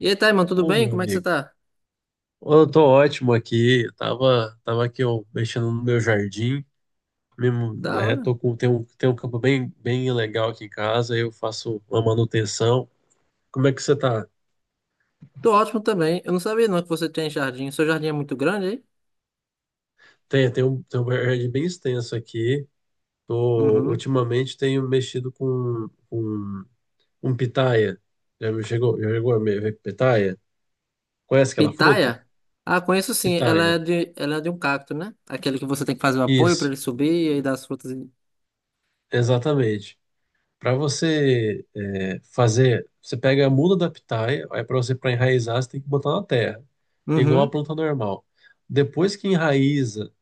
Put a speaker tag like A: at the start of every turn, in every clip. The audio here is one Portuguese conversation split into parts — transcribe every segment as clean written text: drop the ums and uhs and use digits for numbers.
A: E aí, Taiman, tudo
B: Ô,
A: bem?
B: meu
A: Como é que você
B: amigo,
A: tá?
B: eu tô ótimo aqui. Eu tava aqui ó, mexendo no meu jardim. Mesmo,
A: Da
B: né,
A: hora.
B: tem um campo bem legal aqui em casa. Eu faço uma manutenção. Como é que você tá?
A: Tô ótimo também. Eu não sabia não que você tem jardim. Seu jardim é muito grande aí?
B: Tem um jardim bem extenso aqui. Tô,
A: Uhum.
B: ultimamente tenho mexido com um pitaia. Já me chegou, já chegou a me- ver pitaia? Conhece aquela fruta?
A: Pitaia? Ah, conheço sim. Ela é
B: Pitaia.
A: de, ela é de um cacto, né? Aquele que você tem que fazer o apoio pra
B: Isso,
A: ele subir e aí dar as frutas.
B: exatamente. Para você pega a muda da pitaia, aí para você para enraizar, você tem que botar na terra, igual a
A: Uhum.
B: planta normal. Depois que enraiza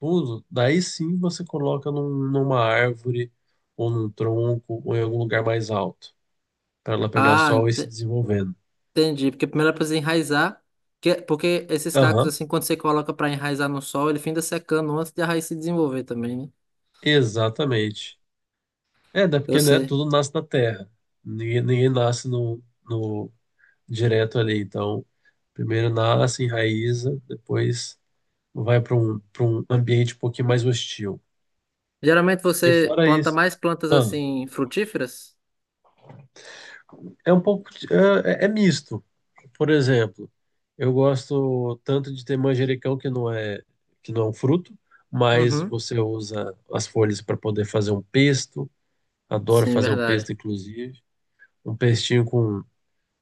B: tudo, daí sim você coloca numa árvore, ou num tronco, ou em algum lugar mais alto, para ela pegar
A: Ah,
B: sol e se desenvolvendo.
A: entendi. Porque primeiro ela precisa enraizar. Porque esses cactos,
B: Aham,
A: assim, quando você coloca pra enraizar no sol, ele finda secando antes de a raiz se desenvolver também, né?
B: exatamente. É, né,
A: Eu sei.
B: tudo nasce na terra, ninguém nasce no direto ali, então primeiro nasce, enraiza, depois vai para um ambiente um pouquinho mais hostil.
A: Geralmente
B: E
A: você
B: fora
A: planta
B: isso,
A: mais plantas,
B: ah,
A: assim, frutíferas?
B: é um pouco, é misto. Por exemplo, eu gosto tanto de ter manjericão que não é um fruto, mas
A: Uhum.
B: você usa as folhas para poder fazer um pesto. Adoro
A: Sim,
B: fazer um pesto,
A: verdade.
B: inclusive, um pestinho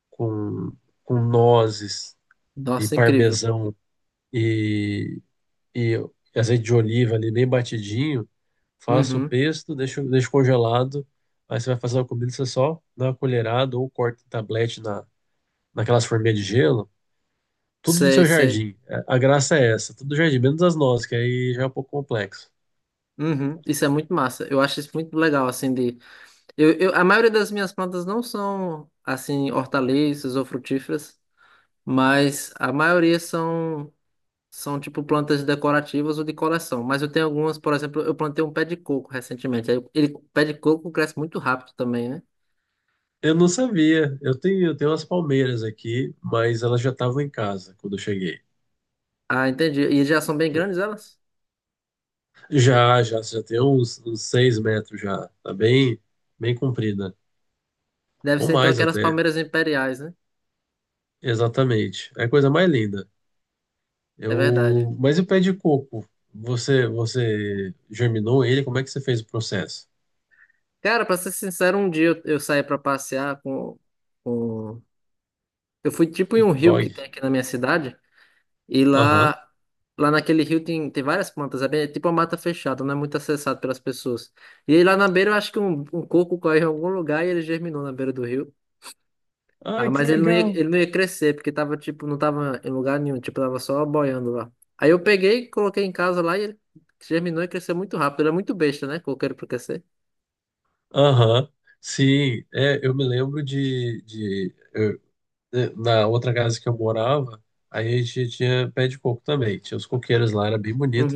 B: com, com nozes e
A: Nossa, incrível.
B: parmesão e, e azeite de oliva ali bem batidinho. Faça o
A: Uhum.
B: pesto, deixo congelado. Aí você vai fazer a comida, você só dá uma colherada ou corta em tablete naquelas forminhas de gelo. Tudo do
A: Sei,
B: seu
A: sei.
B: jardim. É, a graça é essa, tudo do jardim, menos as nossas, que aí já é um pouco complexo.
A: Uhum. Isso é muito massa. Eu acho isso muito legal, assim. A maioria das minhas plantas não são, assim, hortaliças ou frutíferas, mas a maioria são tipo, plantas decorativas ou de coleção. Mas eu tenho algumas, por exemplo, eu plantei um pé de coco recentemente. Aí o pé de coco cresce muito rápido também, né?
B: Eu não sabia. Eu tenho umas palmeiras aqui, mas elas já estavam em casa quando eu cheguei.
A: Ah, entendi. E já são bem
B: Né?
A: grandes elas?
B: Já tem uns 6 metros já. Tá bem comprida.
A: Deve
B: Ou
A: ser, então,
B: mais
A: aquelas
B: até.
A: palmeiras imperiais, né?
B: Exatamente. É a coisa mais linda.
A: É verdade.
B: Eu, mas e o pé de coco? Você germinou ele? Como é que você fez o processo?
A: Cara, pra ser sincero, um dia eu saí pra passear com... Eu fui tipo em um
B: Coco
A: rio que
B: Dog?
A: tem aqui na minha cidade, e
B: Aham.
A: lá naquele rio tem várias plantas, é tipo uma mata fechada, não é muito acessado pelas pessoas. E aí lá na beira eu acho que um coco caiu em algum lugar e ele germinou na beira do rio.
B: Ai,
A: Ah,
B: que
A: mas ele não ia,
B: legal.
A: ele não ia crescer, porque tava tipo, não tava em lugar nenhum, tipo, tava só boiando lá. Aí eu peguei, coloquei em casa lá e ele germinou e cresceu muito rápido. Ele é muito besta, né? Coqueiro pra crescer.
B: Aham. Sim, é, eu me lembro de na outra casa que eu morava, aí a gente tinha pé de coco também. Tinha os coqueiros lá, era bem bonito.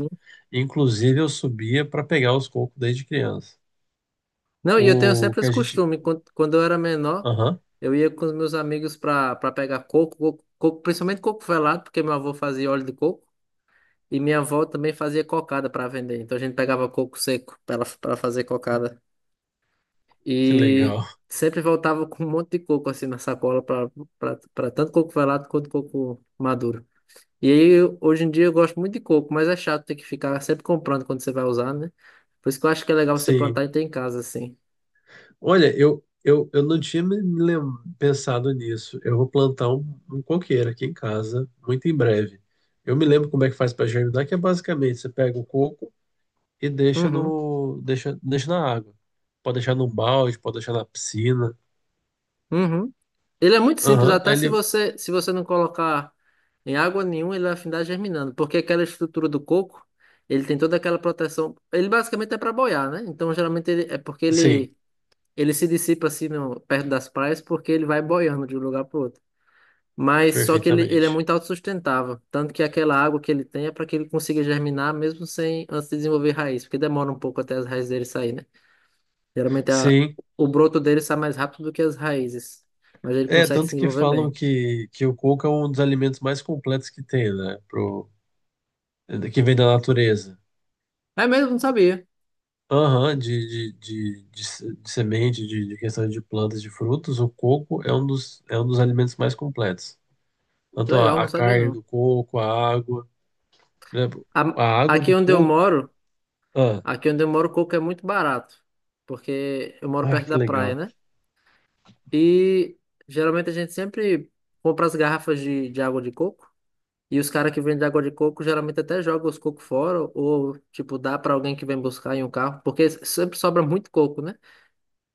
B: Inclusive, eu subia para pegar os cocos desde criança.
A: Não, e eu tenho
B: O
A: sempre
B: que
A: esse
B: a gente.
A: costume. Quando eu era menor,
B: Aham,
A: eu ia com os meus amigos para pegar coco, coco, coco, principalmente coco velado, porque meu avô fazia óleo de coco e minha avó também fazia cocada para vender. Então a gente pegava coco seco para fazer cocada.
B: que
A: E
B: legal.
A: sempre voltava com um monte de coco assim na sacola para tanto coco velado quanto coco maduro. E aí, hoje em dia eu gosto muito de coco, mas é chato ter que ficar sempre comprando quando você vai usar, né? Por isso que eu acho que é legal você
B: Sim.
A: plantar e ter em casa assim.
B: Olha, eu não tinha pensado nisso. Eu vou plantar um coqueiro aqui em casa, muito em breve. Eu me lembro como é que faz para germinar, que é basicamente você pega o coco e deixa
A: Uhum.
B: no, deixa, deixa na água. Pode deixar num balde, pode deixar na piscina.
A: Uhum. Ele é muito simples,
B: Aham, aí
A: até se
B: ele.
A: você, se você não colocar em água nenhuma, ele vai afindar germinando, porque aquela estrutura do coco, ele tem toda aquela proteção. Ele basicamente é para boiar, né? Então, geralmente é porque
B: Sim,
A: ele se dissipa assim no, perto das praias, porque ele vai boiando de um lugar para outro. Mas só que ele é
B: perfeitamente.
A: muito autossustentável, tanto que aquela água que ele tem é para que ele consiga germinar mesmo sem antes de desenvolver raiz, porque demora um pouco até as raízes dele sair, né? Geralmente
B: Sim.
A: o broto dele sai mais rápido do que as raízes, mas ele
B: É,
A: consegue se
B: tanto que
A: desenvolver
B: falam
A: bem.
B: que o coco é um dos alimentos mais completos que tem, né? Pro, que vem da natureza.
A: É mesmo, não sabia.
B: Aham, de, se- de semente, de questão de plantas, de frutos, o coco é é um dos alimentos mais completos.
A: Que
B: Tanto
A: legal, não
B: a
A: sabia
B: carne
A: não.
B: do coco, a água, né?
A: A-
B: A água
A: aqui
B: do
A: onde eu
B: coco.
A: moro,
B: Ah,
A: coco é muito barato, porque eu moro
B: ah,
A: perto
B: que
A: da praia,
B: legal.
A: né? E geralmente a gente sempre compra as garrafas de água de coco, e os caras que vendem água de coco geralmente até jogam os cocos fora, ou tipo, dá pra alguém que vem buscar em um carro, porque sempre sobra muito coco, né?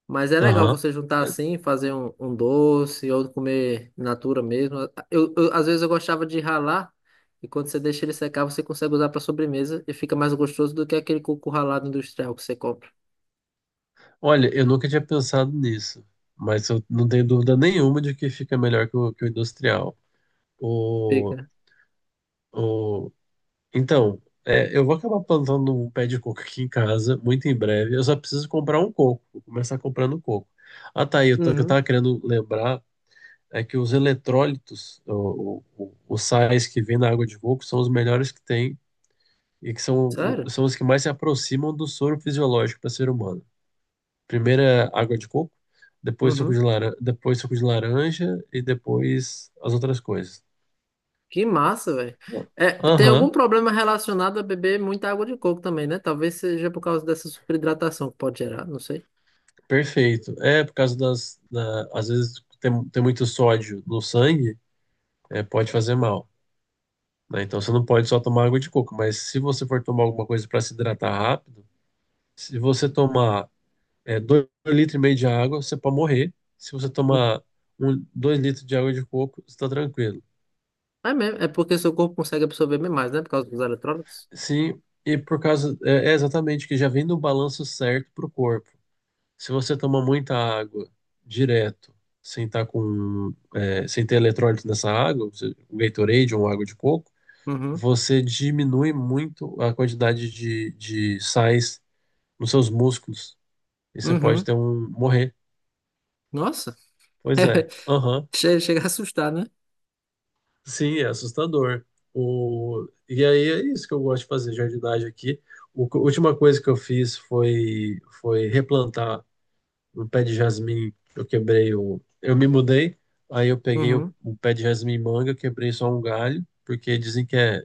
A: Mas é legal
B: Aham.
A: você juntar
B: É,
A: assim, fazer um doce ou comer in natura mesmo. Às vezes eu gostava de ralar e quando você deixa ele secar, você consegue usar para sobremesa e fica mais gostoso do que aquele coco ralado industrial que você compra.
B: olha, eu nunca tinha pensado nisso, mas eu não tenho dúvida nenhuma de que fica melhor que que o industrial. O,
A: Fica.
B: o, Então, é, eu vou acabar plantando um pé de coco aqui em casa, muito em breve. Eu só preciso comprar um coco. Vou começar comprando coco. Ah, tá aí. O que eu
A: Uhum.
B: tava querendo lembrar é que os eletrólitos, os sais que vêm na água de coco, são os melhores que tem e que são,
A: Sério?
B: são os que mais se aproximam do soro fisiológico para ser humano. Primeiro é água de coco, depois suco de
A: Uhum.
B: laranja, depois suco de laranja e depois as outras coisas.
A: Que massa, velho. É, tem algum
B: Aham.
A: problema relacionado a beber muita água de coco também, né? Talvez seja por causa dessa superidratação que pode gerar, não sei.
B: Perfeito. É, por causa das. Da- às vezes tem muito sódio no sangue, pode fazer mal. Né? Então você não pode só tomar água de coco, mas se você for tomar alguma coisa para se hidratar rápido, se você tomar 2,5 litros de água, você pode morrer. Se você
A: Uhum.
B: tomar 2 litros de água de coco, você está tranquilo.
A: É mesmo, é porque seu corpo consegue absorver bem mais, né? Por causa dos eletrólitos.
B: Sim, e por causa. É, é exatamente que já vem no balanço certo para o corpo. Se você toma muita água direto, sem tá com, é, sem ter eletrólito nessa água, você- o Gatorade ou água de coco,
A: Uhum.
B: você diminui muito a quantidade de sais nos seus músculos e você pode
A: Uhum.
B: ter um morrer.
A: Nossa.
B: Pois é, aham.
A: Chega a assustar, né?
B: Sim, é assustador. O, e aí é isso que eu gosto de fazer, jardinagem aqui. O, a última coisa que eu fiz foi, foi replantar um pé de jasmim, eu quebrei o. Eu me mudei, aí eu peguei
A: Uhum,
B: o pé de jasmim manga, eu quebrei só um galho, porque dizem que é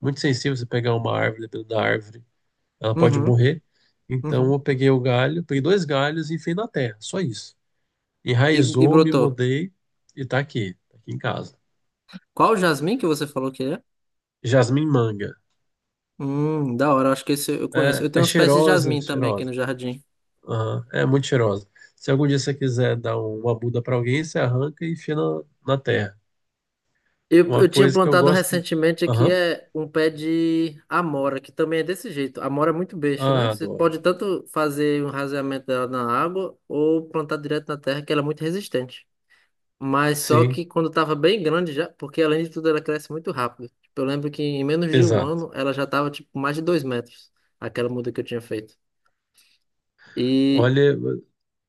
B: muito sensível você pegar uma árvore, dependendo da árvore, ela pode
A: uhum,
B: morrer. Então
A: uhum.
B: eu peguei o galho, peguei dois galhos e enfiei na terra, só isso.
A: E
B: Enraizou, me
A: brotou.
B: mudei e tá aqui em casa.
A: Qual o jasmim que você falou que é?
B: Jasmim manga.
A: Da hora, acho que esse eu conheço.
B: É,
A: Eu tenho
B: é
A: uns pés de jasmim também aqui no
B: cheirosa.
A: jardim.
B: Aham, é muito cheirosa. Se algum dia você quiser dar uma muda pra alguém, você arranca e enfia na terra.
A: Eu,
B: Uma
A: eu tinha
B: coisa que eu
A: plantado
B: gosto.
A: recentemente aqui
B: Aham.
A: é um pé de amora, que também é desse jeito. Amora é muito besta, né?
B: Ah,
A: Você
B: adoro.
A: pode tanto fazer um raseamento dela na água ou plantar direto na terra, que ela é muito resistente. Mas só
B: Sim,
A: que quando tava bem grande já, porque além de tudo ela cresce muito rápido. Tipo, eu lembro que em menos de um
B: exato.
A: ano ela já tava tipo mais de 2 metros, aquela muda que eu tinha feito. E
B: Olha,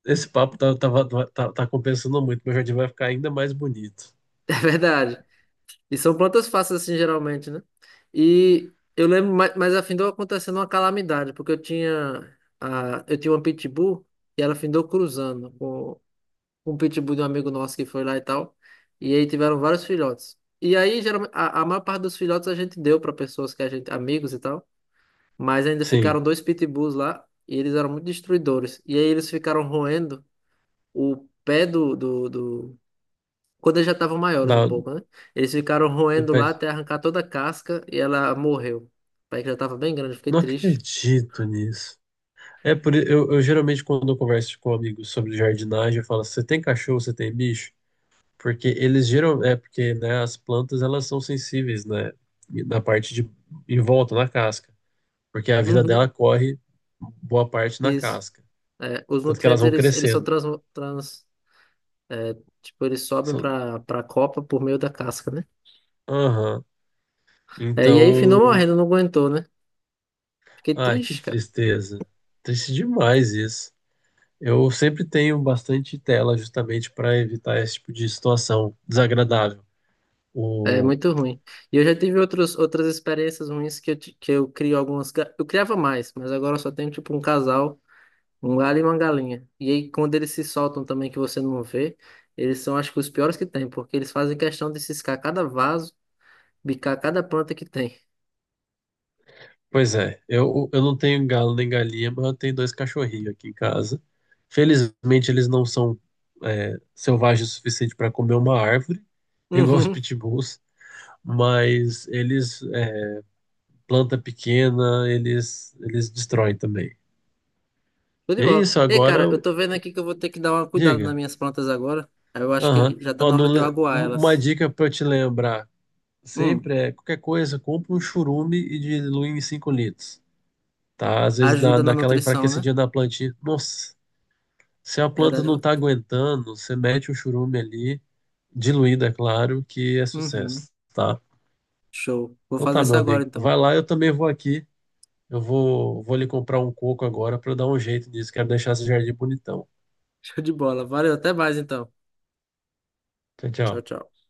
B: esse papo tá compensando muito. Meu jardim vai ficar ainda mais bonito.
A: É verdade. E são plantas fáceis assim geralmente, né? E eu lembro, mas afindou acontecendo uma calamidade, porque eu tinha uma pitbull e ela afindou cruzando com um pitbull de um amigo nosso que foi lá e tal. E aí tiveram vários filhotes. E aí geralmente a maior parte dos filhotes a gente deu para pessoas que a gente amigos e tal. Mas ainda
B: Sim,
A: ficaram dois pitbulls lá e eles eram muito destruidores. E aí eles ficaram roendo o pé do. Quando eles já estavam maiores um
B: dá,
A: pouco, né? Eles ficaram
B: no
A: roendo
B: pé.
A: lá até arrancar toda a casca e ela morreu. O pé que já estava bem grande, eu fiquei
B: Não
A: triste.
B: acredito nisso. Eu geralmente quando eu converso com amigos sobre jardinagem, eu falo: você tem cachorro, você tem bicho? Porque eles geram, é porque né, as plantas elas são sensíveis, né, e na parte de em volta na casca, porque a vida
A: Uhum,
B: dela corre boa parte na
A: isso.
B: casca.
A: É, os
B: Tanto que elas
A: nutrientes,
B: vão
A: eles são
B: crescendo.
A: trans... trans é, tipo, eles sobem
B: São-
A: para a copa por meio da casca, né?
B: Aham.
A: É, e aí, finou
B: Então,
A: morrendo, não aguentou, né? Fiquei
B: ai, que
A: triste, cara.
B: tristeza. Triste demais isso. Eu sempre tenho bastante tela justamente para evitar esse tipo de situação desagradável.
A: É
B: O...
A: muito ruim. E eu já tive outros, outras experiências ruins que eu crio algumas. Eu criava mais, mas agora eu só tenho tipo um casal, um galho e uma galinha. E aí, quando eles se soltam também, que você não vê, eles são acho que os piores que tem, porque eles fazem questão de ciscar cada vaso, bicar cada planta que tem.
B: Pois é, eu não tenho galo nem galinha, mas eu tenho dois cachorrinhos aqui em casa. Felizmente, eles não são selvagens o suficiente para comer uma árvore, igual os
A: Uhum.
B: pitbulls, mas eles planta pequena, eles destroem também.
A: Tudo de
B: E é
A: bola.
B: isso,
A: Ei,
B: agora
A: cara, eu
B: eu...
A: tô vendo aqui que eu vou ter que dar uma cuidada nas
B: diga.
A: minhas plantas agora. Aí, eu acho
B: Aham.
A: que já tá
B: Ó,
A: na
B: não
A: hora de eu
B: le-
A: aguar
B: um- uma
A: elas.
B: dica para te lembrar
A: Hum,
B: sempre é qualquer coisa, compra um churume e dilui em 5 litros, tá? Às vezes
A: ajuda
B: dá
A: na
B: aquela
A: nutrição, né?
B: enfraquecidinha na plantinha. Nossa, se a planta
A: Verdade.
B: não tá aguentando, você mete o churume ali, diluído, é claro, que é
A: Uhum.
B: sucesso, tá?
A: Show. Vou
B: Então
A: fazer
B: tá,
A: isso
B: meu
A: agora
B: amigo.
A: então.
B: Vai lá, eu também vou aqui. Vou lhe comprar um coco agora para dar um jeito nisso. Quero deixar esse jardim bonitão.
A: Show de bola. Valeu, até mais então.
B: Tchau,
A: Tchau,
B: tchau.
A: tchau.